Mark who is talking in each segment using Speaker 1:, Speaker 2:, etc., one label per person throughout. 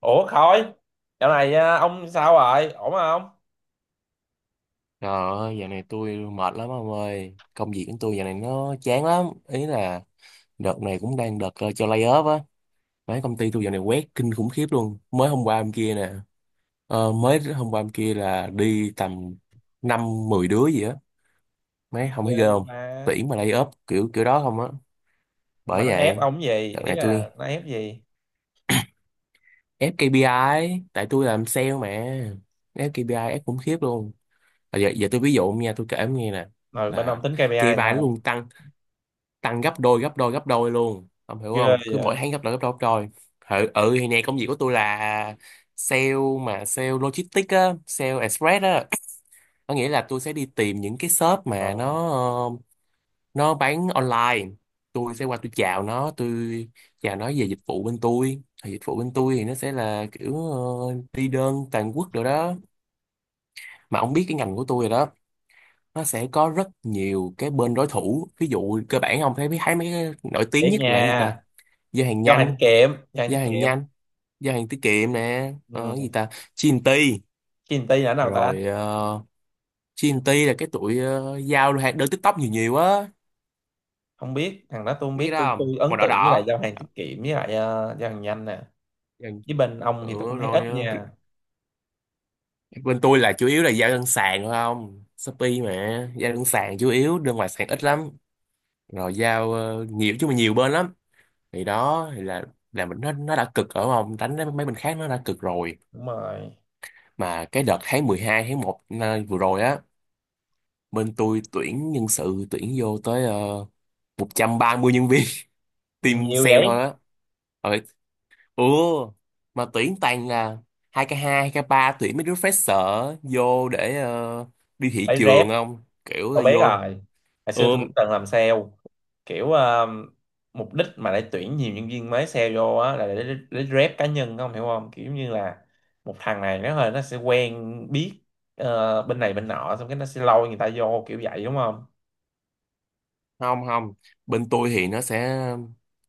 Speaker 1: Ủa Khôi, dạo này ông sao rồi? Ổn không?
Speaker 2: Trời ơi, dạo này tôi mệt lắm ông ơi. Công việc của tôi dạo này nó chán lắm. Ý là đợt này cũng đang đợt cho lay off á. Mấy công ty tôi dạo này quét kinh khủng khiếp luôn. Mới hôm qua hôm kia nè. Mới hôm qua hôm kia là đi tầm 5 10 đứa gì á. Mấy
Speaker 1: Gì
Speaker 2: không thấy
Speaker 1: ghê
Speaker 2: ghê
Speaker 1: vậy
Speaker 2: không?
Speaker 1: mà.
Speaker 2: Tuyển mà lay off kiểu kiểu đó không á.
Speaker 1: Nhưng mà
Speaker 2: Bởi
Speaker 1: nó ép
Speaker 2: vậy,
Speaker 1: ông gì?
Speaker 2: đợt
Speaker 1: Ý
Speaker 2: này tôi
Speaker 1: là nó ép gì?
Speaker 2: ép ca pê I tại tôi làm sale mà. Ép ca pê I ép khủng khiếp luôn. À, giờ giờ tôi ví dụ nha, tôi kể ông nghe nè.
Speaker 1: Rồi bên ông
Speaker 2: Là
Speaker 1: tính
Speaker 2: ca pê I
Speaker 1: KPI thì
Speaker 2: nó
Speaker 1: sao?
Speaker 2: luôn tăng tăng gấp đôi gấp đôi gấp đôi luôn. Ông hiểu
Speaker 1: Ghê
Speaker 2: không? Cứ mỗi
Speaker 1: vậy.
Speaker 2: tháng gấp đôi gấp đôi gấp đôi. Ừ, ừ thì nè, công việc của tôi là sale, mà sale logistics á, sale express á. Có nghĩa là tôi sẽ đi tìm những cái shop mà
Speaker 1: Ồ,
Speaker 2: nó nó bán online. Tôi sẽ qua tôi chào nó, tôi chào nó về dịch vụ bên tôi, thì dịch vụ bên tôi thì nó sẽ là kiểu đi đơn toàn quốc rồi đó. Mà ông biết cái ngành của tôi rồi đó, nó sẽ có rất nhiều cái bên đối thủ. Ví dụ cơ bản ông thấy thấy mấy cái nổi tiếng
Speaker 1: thiệt
Speaker 2: nhất là cái gì
Speaker 1: nha.
Speaker 2: ta? Giao hàng
Speaker 1: Giao hàng
Speaker 2: nhanh.
Speaker 1: tiết kiệm, giao hàng
Speaker 2: Giao
Speaker 1: tiết
Speaker 2: hàng
Speaker 1: kiệm.
Speaker 2: nhanh, giao hàng tiết kiệm nè, gì
Speaker 1: Ừ.
Speaker 2: ta, G&T.
Speaker 1: Chinty là nào ta?
Speaker 2: Rồi
Speaker 1: Chi-
Speaker 2: G&T là cái tụi giao hàng đơn TikTok nhiều nhiều á.
Speaker 1: Không biết, thằng đó tôi không
Speaker 2: Biết cái
Speaker 1: biết,
Speaker 2: đó
Speaker 1: tôi
Speaker 2: không,
Speaker 1: tôi
Speaker 2: màu
Speaker 1: ấn
Speaker 2: đỏ
Speaker 1: tượng với lại
Speaker 2: đỏ.
Speaker 1: giao hàng tiết kiệm với lại giao hàng nhanh nè.
Speaker 2: Dần-
Speaker 1: Với bên ông thì tôi
Speaker 2: ừ,
Speaker 1: cũng thấy
Speaker 2: rồi
Speaker 1: ít nha.
Speaker 2: bên tôi là chủ yếu là giao đơn sàn thôi, không Shopee mà. Giao đơn sàn, chủ yếu đơn ngoài sàn ít lắm. Rồi giao nhiều chứ, mà nhiều bên lắm. Thì đó thì là mình nó đã cực, ở không đánh mấy bên khác nó đã cực rồi.
Speaker 1: Đúng rồi.
Speaker 2: Mà cái đợt tháng mười hai, tháng 1 vừa rồi á, bên tôi tuyển nhân sự, tuyển vô tới uh, 130 nhân viên,
Speaker 1: Gì
Speaker 2: team
Speaker 1: nhiều
Speaker 2: sale thôi
Speaker 1: vậy?
Speaker 2: á. Rồi ủa mà tuyển toàn là 2k2, 2k3, tuyển mấy đứa fresher vô để đi thị
Speaker 1: Phải rep.
Speaker 2: trường không, kiểu là
Speaker 1: Tôi biết
Speaker 2: vô.
Speaker 1: rồi. Hồi
Speaker 2: Ừ,
Speaker 1: xưa tôi cũng từng làm sale. Kiểu mục đích mà để tuyển nhiều nhân viên mới sale vô á là để rep cá nhân không hiểu không? Kiểu như là một thằng này nó hơi nó sẽ quen biết bên này bên nọ xong cái nó sẽ lôi người ta vô kiểu vậy đúng không?
Speaker 2: không không, bên tôi thì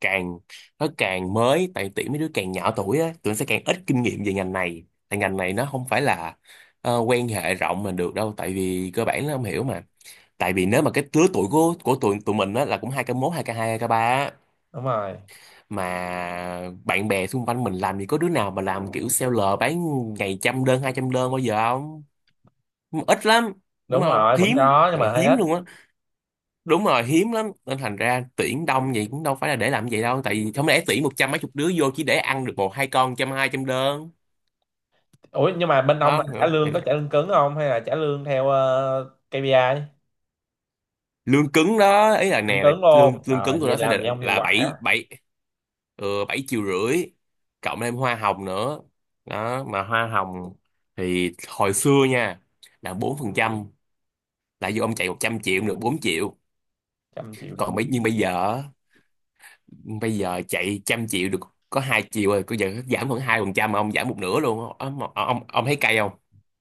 Speaker 2: càng nó càng mới. Tại tuyển mấy đứa càng nhỏ tuổi á, tụi nó sẽ càng ít kinh nghiệm về ngành này. Tại ngành này nó không phải là quan hệ rộng mà được đâu, tại vì cơ bản nó không hiểu mà. Tại vì nếu mà cái lứa tuổi của tụi tụi mình á là cũng hai k mốt, hai k hai, hai k ba á,
Speaker 1: Đúng rồi.
Speaker 2: mà bạn bè xung quanh mình làm gì có đứa nào mà làm kiểu seller bán ngày trăm đơn, hai trăm đơn bao giờ không. Ít lắm, đúng
Speaker 1: Đúng
Speaker 2: không,
Speaker 1: rồi, vẫn
Speaker 2: hiếm,
Speaker 1: có nhưng
Speaker 2: gọi là
Speaker 1: mà hơi
Speaker 2: hiếm
Speaker 1: ít.
Speaker 2: luôn á. Đúng rồi, hiếm lắm, nên thành ra tuyển đông vậy cũng đâu phải là để làm vậy đâu. Tại vì không lẽ tuyển một trăm mấy chục đứa vô chỉ để ăn được một hai con trăm, hai trăm đơn.
Speaker 1: Ủa nhưng mà bên ông là
Speaker 2: Không
Speaker 1: trả
Speaker 2: hiểu không?
Speaker 1: lương có trả lương cứng không hay là trả lương theo KPI?
Speaker 2: Lương cứng đó, ý là
Speaker 1: Vẫn
Speaker 2: nè, là
Speaker 1: cứng
Speaker 2: lương
Speaker 1: luôn.
Speaker 2: lương
Speaker 1: Ờ
Speaker 2: cứng của
Speaker 1: vậy
Speaker 2: nó sẽ
Speaker 1: làm gì
Speaker 2: là
Speaker 1: không hiệu
Speaker 2: là bảy
Speaker 1: quả.
Speaker 2: bảy, 7 triệu rưỡi, cộng thêm hoa hồng nữa. Đó, mà hoa hồng thì hồi xưa nha là 4%. Là vô, ông chạy 100 triệu được 4 triệu.
Speaker 1: 100 triệu được có
Speaker 2: còn bây
Speaker 1: 4
Speaker 2: nhưng bây
Speaker 1: triệu.
Speaker 2: giờ á, bây giờ chạy trăm triệu được có 2 triệu rồi. Bây giờ giảm khoảng 2%, mà ông giảm một nửa luôn. Ông thấy cay không?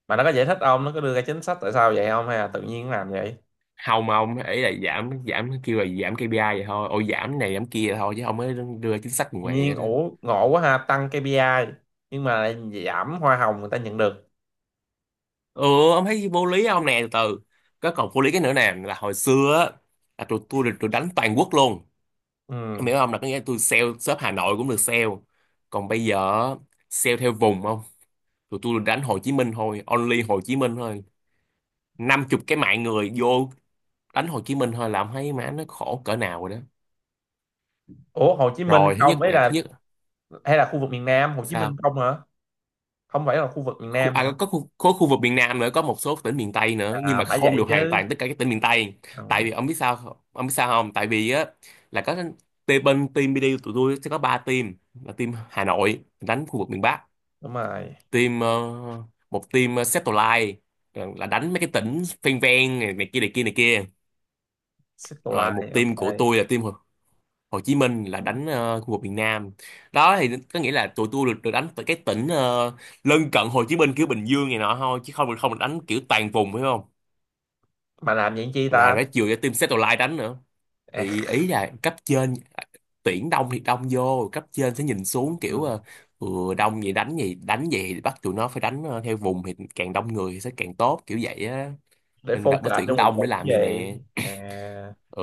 Speaker 1: Mà nó có giải thích không, nó có đưa ra chính sách tại sao vậy không hay là tự nhiên làm vậy?
Speaker 2: Không, ông ấy là giảm giảm kêu là giảm KPI vậy thôi. Ôi giảm này giảm kia thôi chứ không mới đưa ra chính sách
Speaker 1: Tự
Speaker 2: ngoài
Speaker 1: nhiên,
Speaker 2: vậy đó.
Speaker 1: ủa ngộ quá ha, tăng KPI nhưng mà lại giảm hoa hồng người ta nhận được.
Speaker 2: Ừ, ông thấy vô lý không nè? Từ từ, cái còn vô lý cái nữa nè là hồi xưa á là tụi tôi được tụi đánh toàn quốc luôn. Em
Speaker 1: Ừ.
Speaker 2: hiểu không, là có nghĩa là tôi sale shop Hà Nội cũng được sale. Còn bây giờ á, sale theo vùng không. Tụi tôi được đánh Hồ Chí Minh thôi, only Hồ Chí Minh thôi. 50 cái mạng người vô đánh Hồ Chí Minh thôi là ông thấy má nó khổ cỡ nào rồi đó.
Speaker 1: Ủa Hồ Chí Minh
Speaker 2: Rồi thứ nhất
Speaker 1: không ấy
Speaker 2: nè, thứ
Speaker 1: là
Speaker 2: nhất.
Speaker 1: hay là khu vực miền Nam Hồ Chí Minh
Speaker 2: Sao?
Speaker 1: không hả? Không phải là khu vực miền
Speaker 2: khu,
Speaker 1: Nam hả?
Speaker 2: à, có khu, có khu vực miền Nam nữa, có một số tỉnh miền Tây nữa nhưng
Speaker 1: À
Speaker 2: mà
Speaker 1: phải
Speaker 2: không
Speaker 1: vậy
Speaker 2: được hoàn
Speaker 1: chứ.
Speaker 2: toàn tất cả các tỉnh miền Tây. Tại
Speaker 1: Ừ,
Speaker 2: vì ông biết sao không? Ông biết sao không, tại vì á là có team, bên team BD của tụi tôi sẽ có 3 team. Là team Hà Nội đánh khu vực miền Bắc.
Speaker 1: đúng rồi.
Speaker 2: Team ờ, một team Satellite, là đánh mấy cái tỉnh ven ven này, này kia này kia này kia.
Speaker 1: Circle
Speaker 2: Rồi một
Speaker 1: Line
Speaker 2: team của
Speaker 1: ok.
Speaker 2: tôi là team Hồ Chí Minh, là
Speaker 1: Ừ.
Speaker 2: đánh khu vực miền Nam. Đó thì có nghĩa là tụi tôi được đánh từ cái tỉnh lân cận Hồ Chí Minh kiểu Bình Dương này nọ thôi, chứ không không được đánh kiểu toàn vùng phải không.
Speaker 1: Mà làm vậy chi
Speaker 2: Là
Speaker 1: ta?
Speaker 2: phải chiều cho team Satellite đánh nữa.
Speaker 1: À,
Speaker 2: Thì ý là cấp trên tuyển đông thì đông vô, cấp trên sẽ nhìn
Speaker 1: ừ,
Speaker 2: xuống kiểu ừ, đông vậy đánh gì đánh vậy, thì bắt tụi nó phải đánh theo vùng, thì càng đông người thì sẽ càng tốt kiểu vậy á.
Speaker 1: để
Speaker 2: Nên đợt nó
Speaker 1: focus cho
Speaker 2: tuyển
Speaker 1: một
Speaker 2: đông để
Speaker 1: vùng
Speaker 2: làm gì
Speaker 1: cái gì
Speaker 2: nè.
Speaker 1: à?
Speaker 2: Ừ,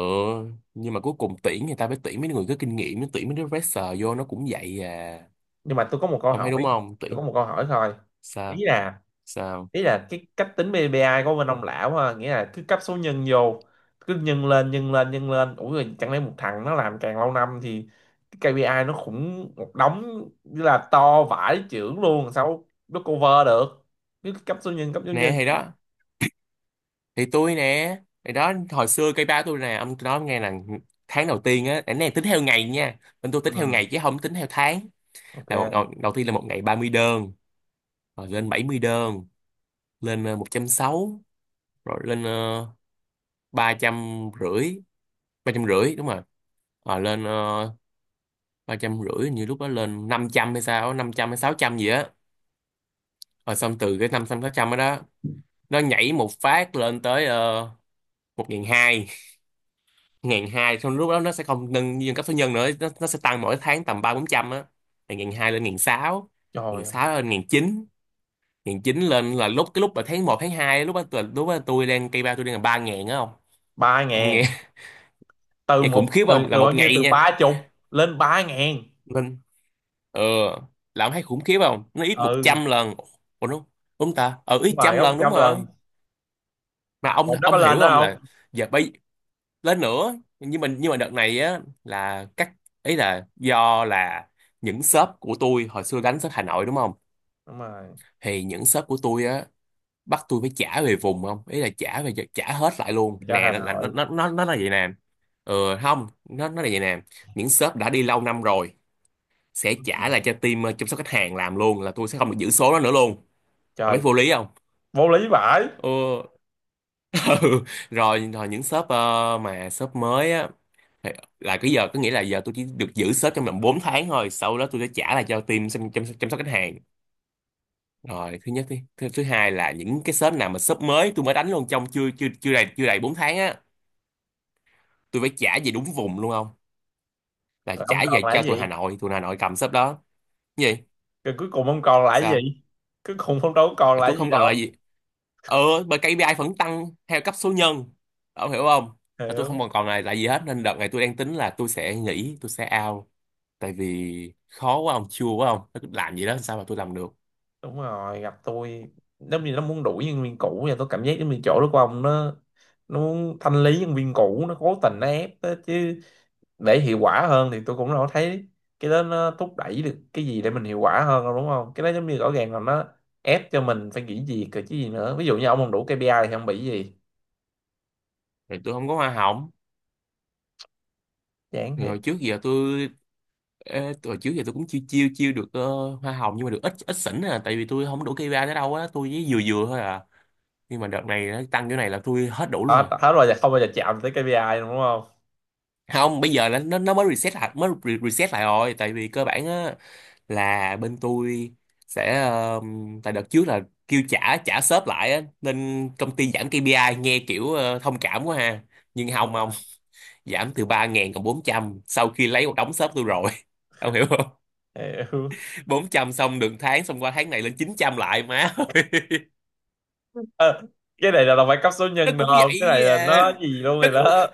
Speaker 2: nhưng mà cuối cùng tuyển người ta phải tuyển mấy người có kinh nghiệm, mới tuyển mấy đứa fresher vô nó cũng vậy à.
Speaker 1: Nhưng mà tôi có một câu
Speaker 2: Ông thấy
Speaker 1: hỏi,
Speaker 2: đúng không,
Speaker 1: tôi
Speaker 2: tuyển?
Speaker 1: có một câu hỏi thôi. ý
Speaker 2: Sao?
Speaker 1: là
Speaker 2: Sao
Speaker 1: ý là cái cách tính PPI của bên ông lão ha, nghĩa là cứ cấp số nhân vô, cứ nhân lên ủa rồi chẳng lẽ một thằng nó làm càng lâu năm thì cái KPI nó khủng một đống như là to vãi chưởng luôn, sao nó cover được? cứ cấp số nhân cấp số
Speaker 2: nè?
Speaker 1: nhân
Speaker 2: Thì đó, thì tôi nè, thì đó, hồi xưa cây ba tôi nè, ông tôi nói ông nghe là tháng đầu tiên á, cái này tính theo ngày nha, bên tôi tính theo
Speaker 1: Ừ,
Speaker 2: ngày chứ không tính theo tháng. Là
Speaker 1: ok.
Speaker 2: đầu tiên là một ngày 30 đơn, rồi lên 70 đơn, lên 160, rồi lên 350, ba trăm rưỡi đúng rồi. Rồi lên ba trăm rưỡi, như lúc đó lên 500 hay sao, 500 hay 600 gì á. Rồi xong từ cái 500 600 đó đó nó nhảy một phát lên tới một nghìn hai, 1 hai. Xong lúc đó nó sẽ không nâng nhân cấp số nhân nữa, nó sẽ tăng mỗi tháng tầm ba bốn trăm á. Từ 1 hai lên 1 sáu, 1
Speaker 1: Trời ơi.
Speaker 2: sáu lên 1 chín, 1 chín lên là lúc cái lúc mà tháng một, tháng hai, lúc đó lúc đó tôi đang cây ba tôi đang là 3000 á. Không,
Speaker 1: Ba
Speaker 2: ông
Speaker 1: ngàn.
Speaker 2: nghe
Speaker 1: từ
Speaker 2: nghe khủng
Speaker 1: một
Speaker 2: khiếp
Speaker 1: từ,
Speaker 2: không, là
Speaker 1: từ bao
Speaker 2: một
Speaker 1: nhiêu,
Speaker 2: ngày
Speaker 1: từ
Speaker 2: nha.
Speaker 1: ba chục lên ba ngàn.
Speaker 2: Lên ờ là ông thấy khủng khiếp không, nó ít một
Speaker 1: Ừ
Speaker 2: trăm lần Ủa đúng, đúng ta, ít
Speaker 1: đúng rồi,
Speaker 2: trăm
Speaker 1: gấp một
Speaker 2: lần đúng
Speaker 1: trăm
Speaker 2: rồi.
Speaker 1: lần.
Speaker 2: Mà ông
Speaker 1: Rồi nó có
Speaker 2: ông
Speaker 1: lên
Speaker 2: hiểu không,
Speaker 1: đó
Speaker 2: là
Speaker 1: không?
Speaker 2: giờ bây lên nữa. Nhưng mà đợt này á là các, ý là do là những shop của tôi hồi xưa đánh shop Hà Nội đúng không.
Speaker 1: Đúng rồi,
Speaker 2: Thì những shop của tôi á bắt tôi phải trả về vùng không, ý là trả về, trả hết lại luôn
Speaker 1: cho
Speaker 2: nè.
Speaker 1: Hà
Speaker 2: nó là-
Speaker 1: Nội.
Speaker 2: nó nó nó là vậy nè. Ừ không, nó là vậy nè. Những shop đã đi lâu năm rồi sẽ
Speaker 1: Ừ,
Speaker 2: trả lại cho team chăm sóc khách hàng làm luôn, là tôi sẽ không được giữ số đó nữa luôn. Ông mấy
Speaker 1: trời.
Speaker 2: vô lý không?
Speaker 1: Vô lý vãi.
Speaker 2: Ừ. Ừ. Rồi rồi, những shop mà shop mới á. Thì là cái giờ có nghĩa là giờ tôi chỉ được giữ sếp trong vòng 4 tháng thôi, sau đó tôi sẽ trả lại cho team chăm sóc khách hàng. Rồi thứ nhất đi, thứ hai là những cái sếp nào mà sếp mới tôi mới đánh luôn trong chưa chưa chưa đầy chưa đầy 4 tháng á, tôi phải trả về đúng vùng luôn, không là
Speaker 1: Rồi ông
Speaker 2: trả
Speaker 1: còn
Speaker 2: về
Speaker 1: lại cái
Speaker 2: cho tụi Hà
Speaker 1: gì?
Speaker 2: Nội, tụi Hà Nội cầm sếp đó. Cái gì?
Speaker 1: Rồi cuối cùng ông còn lại cái
Speaker 2: Sao?
Speaker 1: gì? Cuối cùng ông đâu có còn
Speaker 2: Ờ, tôi
Speaker 1: lại gì
Speaker 2: không còn là
Speaker 1: đâu.
Speaker 2: gì. Ờ, bởi KPI vẫn tăng theo cấp số nhân, ông hiểu không? Là tôi không
Speaker 1: Hiểu.
Speaker 2: còn còn là gì hết, nên đợt này tôi đang tính là tôi sẽ nghỉ, tôi sẽ out. Tại vì khó quá ông, chua quá ông, làm gì đó làm sao mà tôi làm được.
Speaker 1: Đúng rồi gặp tôi, giống như nó muốn đuổi nhân viên cũ và tôi cảm giác giống như chỗ đó của ông nó muốn thanh lý nhân viên cũ, nó cố tình nó ép đó chứ. Để hiệu quả hơn thì tôi cũng đâu có thấy cái đó nó thúc đẩy được cái gì để mình hiệu quả hơn đâu, đúng không? Cái đó giống như rõ ràng là nó ép cho mình phải nghỉ việc rồi chứ gì nữa. Ví dụ như ông không đủ KPI thì không bị gì.
Speaker 2: Thì tôi không có hoa hồng.
Speaker 1: Chán
Speaker 2: Thì
Speaker 1: thiệt.
Speaker 2: hồi trước giờ tôi, ê, hồi trước giờ tôi cũng chiêu chiêu chiêu được hoa hồng, nhưng mà được ít ít xỉn à, tại vì tôi không đủ cây ba tới đâu á, tôi với vừa vừa thôi à. Nhưng mà đợt này nó tăng chỗ này là tôi hết đủ luôn
Speaker 1: hết
Speaker 2: à.
Speaker 1: hết rồi, giờ không bao giờ chạm tới KPI đúng không?
Speaker 2: Không, bây giờ là nó mới reset lại, mới reset lại rồi. Tại vì cơ bản á là bên tôi sẽ ờ, tại đợt trước là kêu trả trả shop lại á, nên công ty giảm KPI nghe kiểu ờ, thông cảm quá ha. Nhưng không,
Speaker 1: Đúng
Speaker 2: không,
Speaker 1: rồi.
Speaker 2: giảm từ 3.000 còn 400 sau khi lấy một đống shop tôi rồi ông hiểu?
Speaker 1: Hiểu.
Speaker 2: 400, xong được tháng, xong qua tháng này lên 900 lại má ơi.
Speaker 1: Ờ, cái này là đâu phải cấp số
Speaker 2: Nó
Speaker 1: nhân được
Speaker 2: cũng
Speaker 1: không, cái này
Speaker 2: vậy
Speaker 1: là
Speaker 2: à.
Speaker 1: nó gì luôn
Speaker 2: nó
Speaker 1: rồi đó.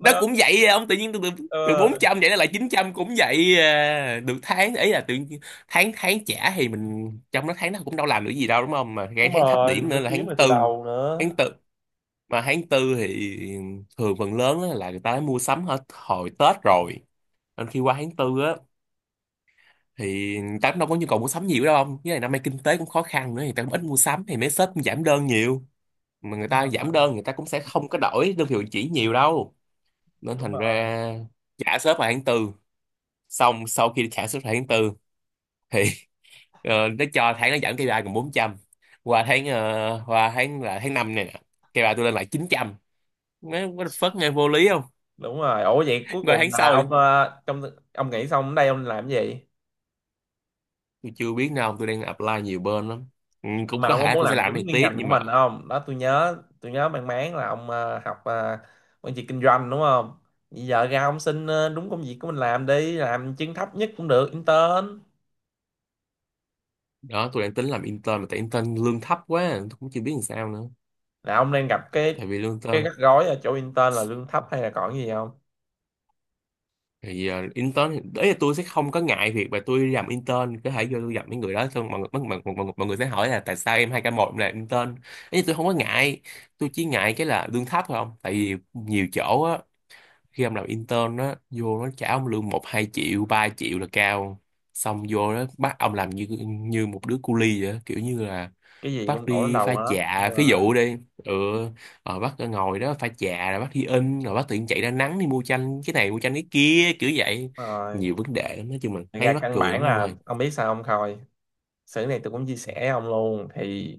Speaker 2: nó
Speaker 1: Nó
Speaker 2: cũng vậy à. Ông tự nhiên từ từ, từ
Speaker 1: ờ,
Speaker 2: 400 vậy nó lại 900 cũng vậy à. Được tháng ấy là tự nhiên- tháng tháng trả thì mình trong đó tháng nó cũng đâu làm được gì đâu, đúng không, mà ngay
Speaker 1: đúng
Speaker 2: tháng thấp
Speaker 1: rồi,
Speaker 2: điểm
Speaker 1: mình phải
Speaker 2: nữa là
Speaker 1: kiếm
Speaker 2: tháng
Speaker 1: lại từ
Speaker 2: tư.
Speaker 1: đầu nữa.
Speaker 2: Tháng tư, mà tháng tư thì thường phần lớn á là người ta đã mua sắm hết hồi Tết rồi, nên khi qua tháng tư á thì người ta cũng đâu có nhu cầu mua sắm nhiều đâu, không với lại năm nay kinh tế cũng khó khăn nữa, thì người ta cũng ít mua sắm, thì mấy shop cũng giảm đơn nhiều. Mà người
Speaker 1: Đúng
Speaker 2: ta giảm
Speaker 1: rồi.
Speaker 2: đơn, người ta cũng sẽ không có đổi đơn vị chỉ nhiều đâu, nên
Speaker 1: Đúng
Speaker 2: thành
Speaker 1: rồi.
Speaker 2: ra trả ship vào tháng tư, xong sau khi trả ship vào tháng tư thì ờ, nó cho tháng nó giảm KPI còn 400. Qua tháng là tháng 5 này nè, KPI tôi lên lại 900. Nó what the fuck, nghe vô lý không?
Speaker 1: Đúng rồi. Ủa vậy cuối
Speaker 2: Qua
Speaker 1: cùng
Speaker 2: tháng
Speaker 1: là
Speaker 2: sau
Speaker 1: ông trong ông nghĩ xong ở đây ông làm cái gì?
Speaker 2: tôi chưa biết nào, tôi đang apply nhiều bên lắm. Ừ, cũng
Speaker 1: Mà
Speaker 2: có
Speaker 1: ông có
Speaker 2: thể
Speaker 1: muốn
Speaker 2: tôi sẽ
Speaker 1: làm
Speaker 2: làm cái
Speaker 1: trúng
Speaker 2: này
Speaker 1: cái
Speaker 2: tiếp
Speaker 1: ngành của
Speaker 2: nhưng mà
Speaker 1: mình không? Đó tôi nhớ, tôi nhớ mang máng là ông học quản trị kinh doanh đúng không? Bây giờ ra ông xin đúng công việc của mình làm, đi làm chân thấp nhất cũng được, intern.
Speaker 2: đó, tôi đang tính làm intern, mà tại intern lương thấp quá tôi cũng chưa biết làm sao nữa.
Speaker 1: Là ông đang gặp cái
Speaker 2: Tại vì lương
Speaker 1: cái
Speaker 2: intern
Speaker 1: rắc rối ở chỗ intern là lương thấp hay là còn cái gì không?
Speaker 2: thì intern đấy là tôi sẽ không có ngại việc, mà tôi đi làm intern có thể vô tôi gặp mấy người đó, xong mọi người mọi người sẽ hỏi là tại sao em 2k1 làm intern ấy. Tôi không có ngại, tôi chỉ ngại cái là lương thấp thôi. Không, tại vì nhiều chỗ á, khi em làm intern á, vô nó trả ông lương 1 2 triệu 3 triệu là cao, xong vô đó bắt ông làm như như một đứa cu li vậy á. Kiểu như là
Speaker 1: Cái gì
Speaker 2: bác
Speaker 1: cũng đổ đến
Speaker 2: đi
Speaker 1: đầu
Speaker 2: pha
Speaker 1: hết. Đúng
Speaker 2: chạ ví
Speaker 1: rồi.
Speaker 2: dụ đi, ừ, rồi bác ngồi đó pha chạ, rồi bác đi in, rồi bác tự nhiên chạy ra nắng đi mua chanh cái này, mua chanh cái kia kiểu vậy.
Speaker 1: Đúng rồi.
Speaker 2: Nhiều vấn đề lắm, nói chung là
Speaker 1: Thật ra
Speaker 2: thấy mắc
Speaker 1: căn
Speaker 2: cười
Speaker 1: bản
Speaker 2: lắm ông
Speaker 1: là
Speaker 2: ơi.
Speaker 1: ông biết sao không Khôi, sự này tôi cũng chia sẻ với ông luôn thì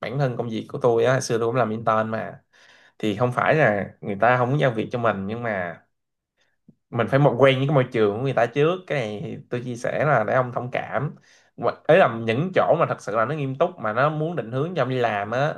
Speaker 1: bản thân công việc của tôi á hồi xưa tôi cũng làm intern mà. Thì không phải là người ta không muốn giao việc cho mình nhưng mà mình phải một quen với cái môi trường của người ta trước, cái này tôi chia sẻ là để ông thông cảm. Mà- ấy là những chỗ mà thật sự là nó nghiêm túc mà nó muốn định hướng cho ông đi làm á,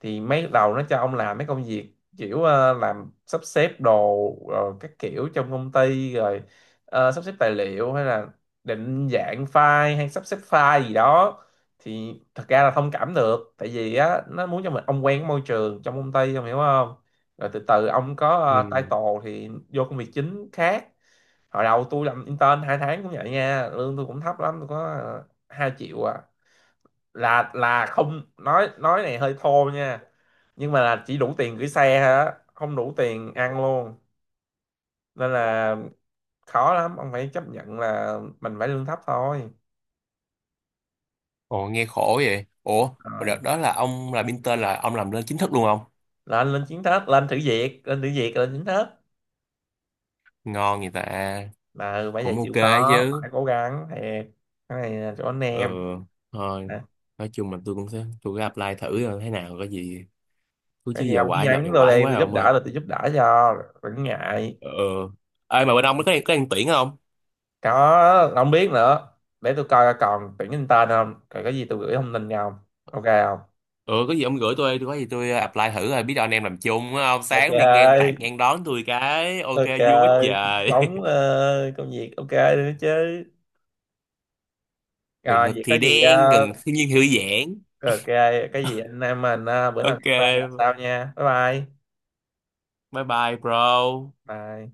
Speaker 1: thì mấy đầu nó cho ông làm mấy công việc kiểu làm sắp xếp đồ rồi các kiểu trong công ty rồi sắp xếp tài liệu hay là định dạng file hay sắp xếp file gì đó. Thì thật ra là thông cảm được, tại vì á nó muốn cho mình ông quen cái môi trường trong công ty, ông hiểu không? Rồi từ từ ông có
Speaker 2: Ừ.
Speaker 1: title thì vô công việc chính khác. Hồi đầu tôi làm intern 2 tháng cũng vậy nha, lương tôi cũng thấp lắm, tôi có 2 triệu à. Là không, nói này hơi thô nha, nhưng mà là chỉ đủ tiền gửi xe thôi á, không đủ tiền ăn luôn. Nên là khó lắm, ông phải chấp nhận là mình phải lương thấp thôi.
Speaker 2: Ồ nghe khổ vậy. Ủa mà
Speaker 1: Rồi
Speaker 2: đợt đó là ông là Pinter là ông làm lên chính thức luôn không?
Speaker 1: lên, lên chiến thức lên thử việc lên thử việc lên chiến thức.
Speaker 2: Ngon vậy ta.
Speaker 1: Là bây giờ
Speaker 2: Cũng ok
Speaker 1: chịu khó
Speaker 2: chứ.
Speaker 1: phải cố gắng thiệt. Cái này là chỗ anh
Speaker 2: Ừ,
Speaker 1: em.
Speaker 2: thôi, nói chung là tôi cũng sẽ, tôi cứ apply thử rồi thế nào có gì cứ, chứ
Speaker 1: Cái gì
Speaker 2: giờ
Speaker 1: ông cứ
Speaker 2: quải đợt
Speaker 1: nhắn
Speaker 2: này
Speaker 1: tôi
Speaker 2: quải
Speaker 1: đi,
Speaker 2: quá
Speaker 1: tôi
Speaker 2: rồi
Speaker 1: giúp
Speaker 2: ông ơi.
Speaker 1: đỡ được tôi giúp đỡ cho, đừng ngại.
Speaker 2: Ừ, ê mà bên ông có đang tuyển không?
Speaker 1: Có không biết nữa, để tôi coi còn tuyển nhân tên không, còn cái gì tôi gửi thông tin nha ông. Ok không?
Speaker 2: Ừ, có gì ông gửi tôi có gì tôi à, apply thử rồi biết đâu anh em làm chung á, ông
Speaker 1: Ok.
Speaker 2: sáng đi ngang tạt ngang đón tôi cái ok,
Speaker 1: Ok.
Speaker 2: vui quá
Speaker 1: Cuộc
Speaker 2: trời.
Speaker 1: sống công việc ok nữa chứ?
Speaker 2: Gần
Speaker 1: Rồi
Speaker 2: mực
Speaker 1: vậy có
Speaker 2: thì
Speaker 1: gì
Speaker 2: đen, gần thiên nhiên hữu giãn.
Speaker 1: ok cái gì anh em mình bữa nào gặp lại gặp
Speaker 2: Ok,
Speaker 1: sau nha, bye bye.
Speaker 2: bye bye bro.
Speaker 1: Bye.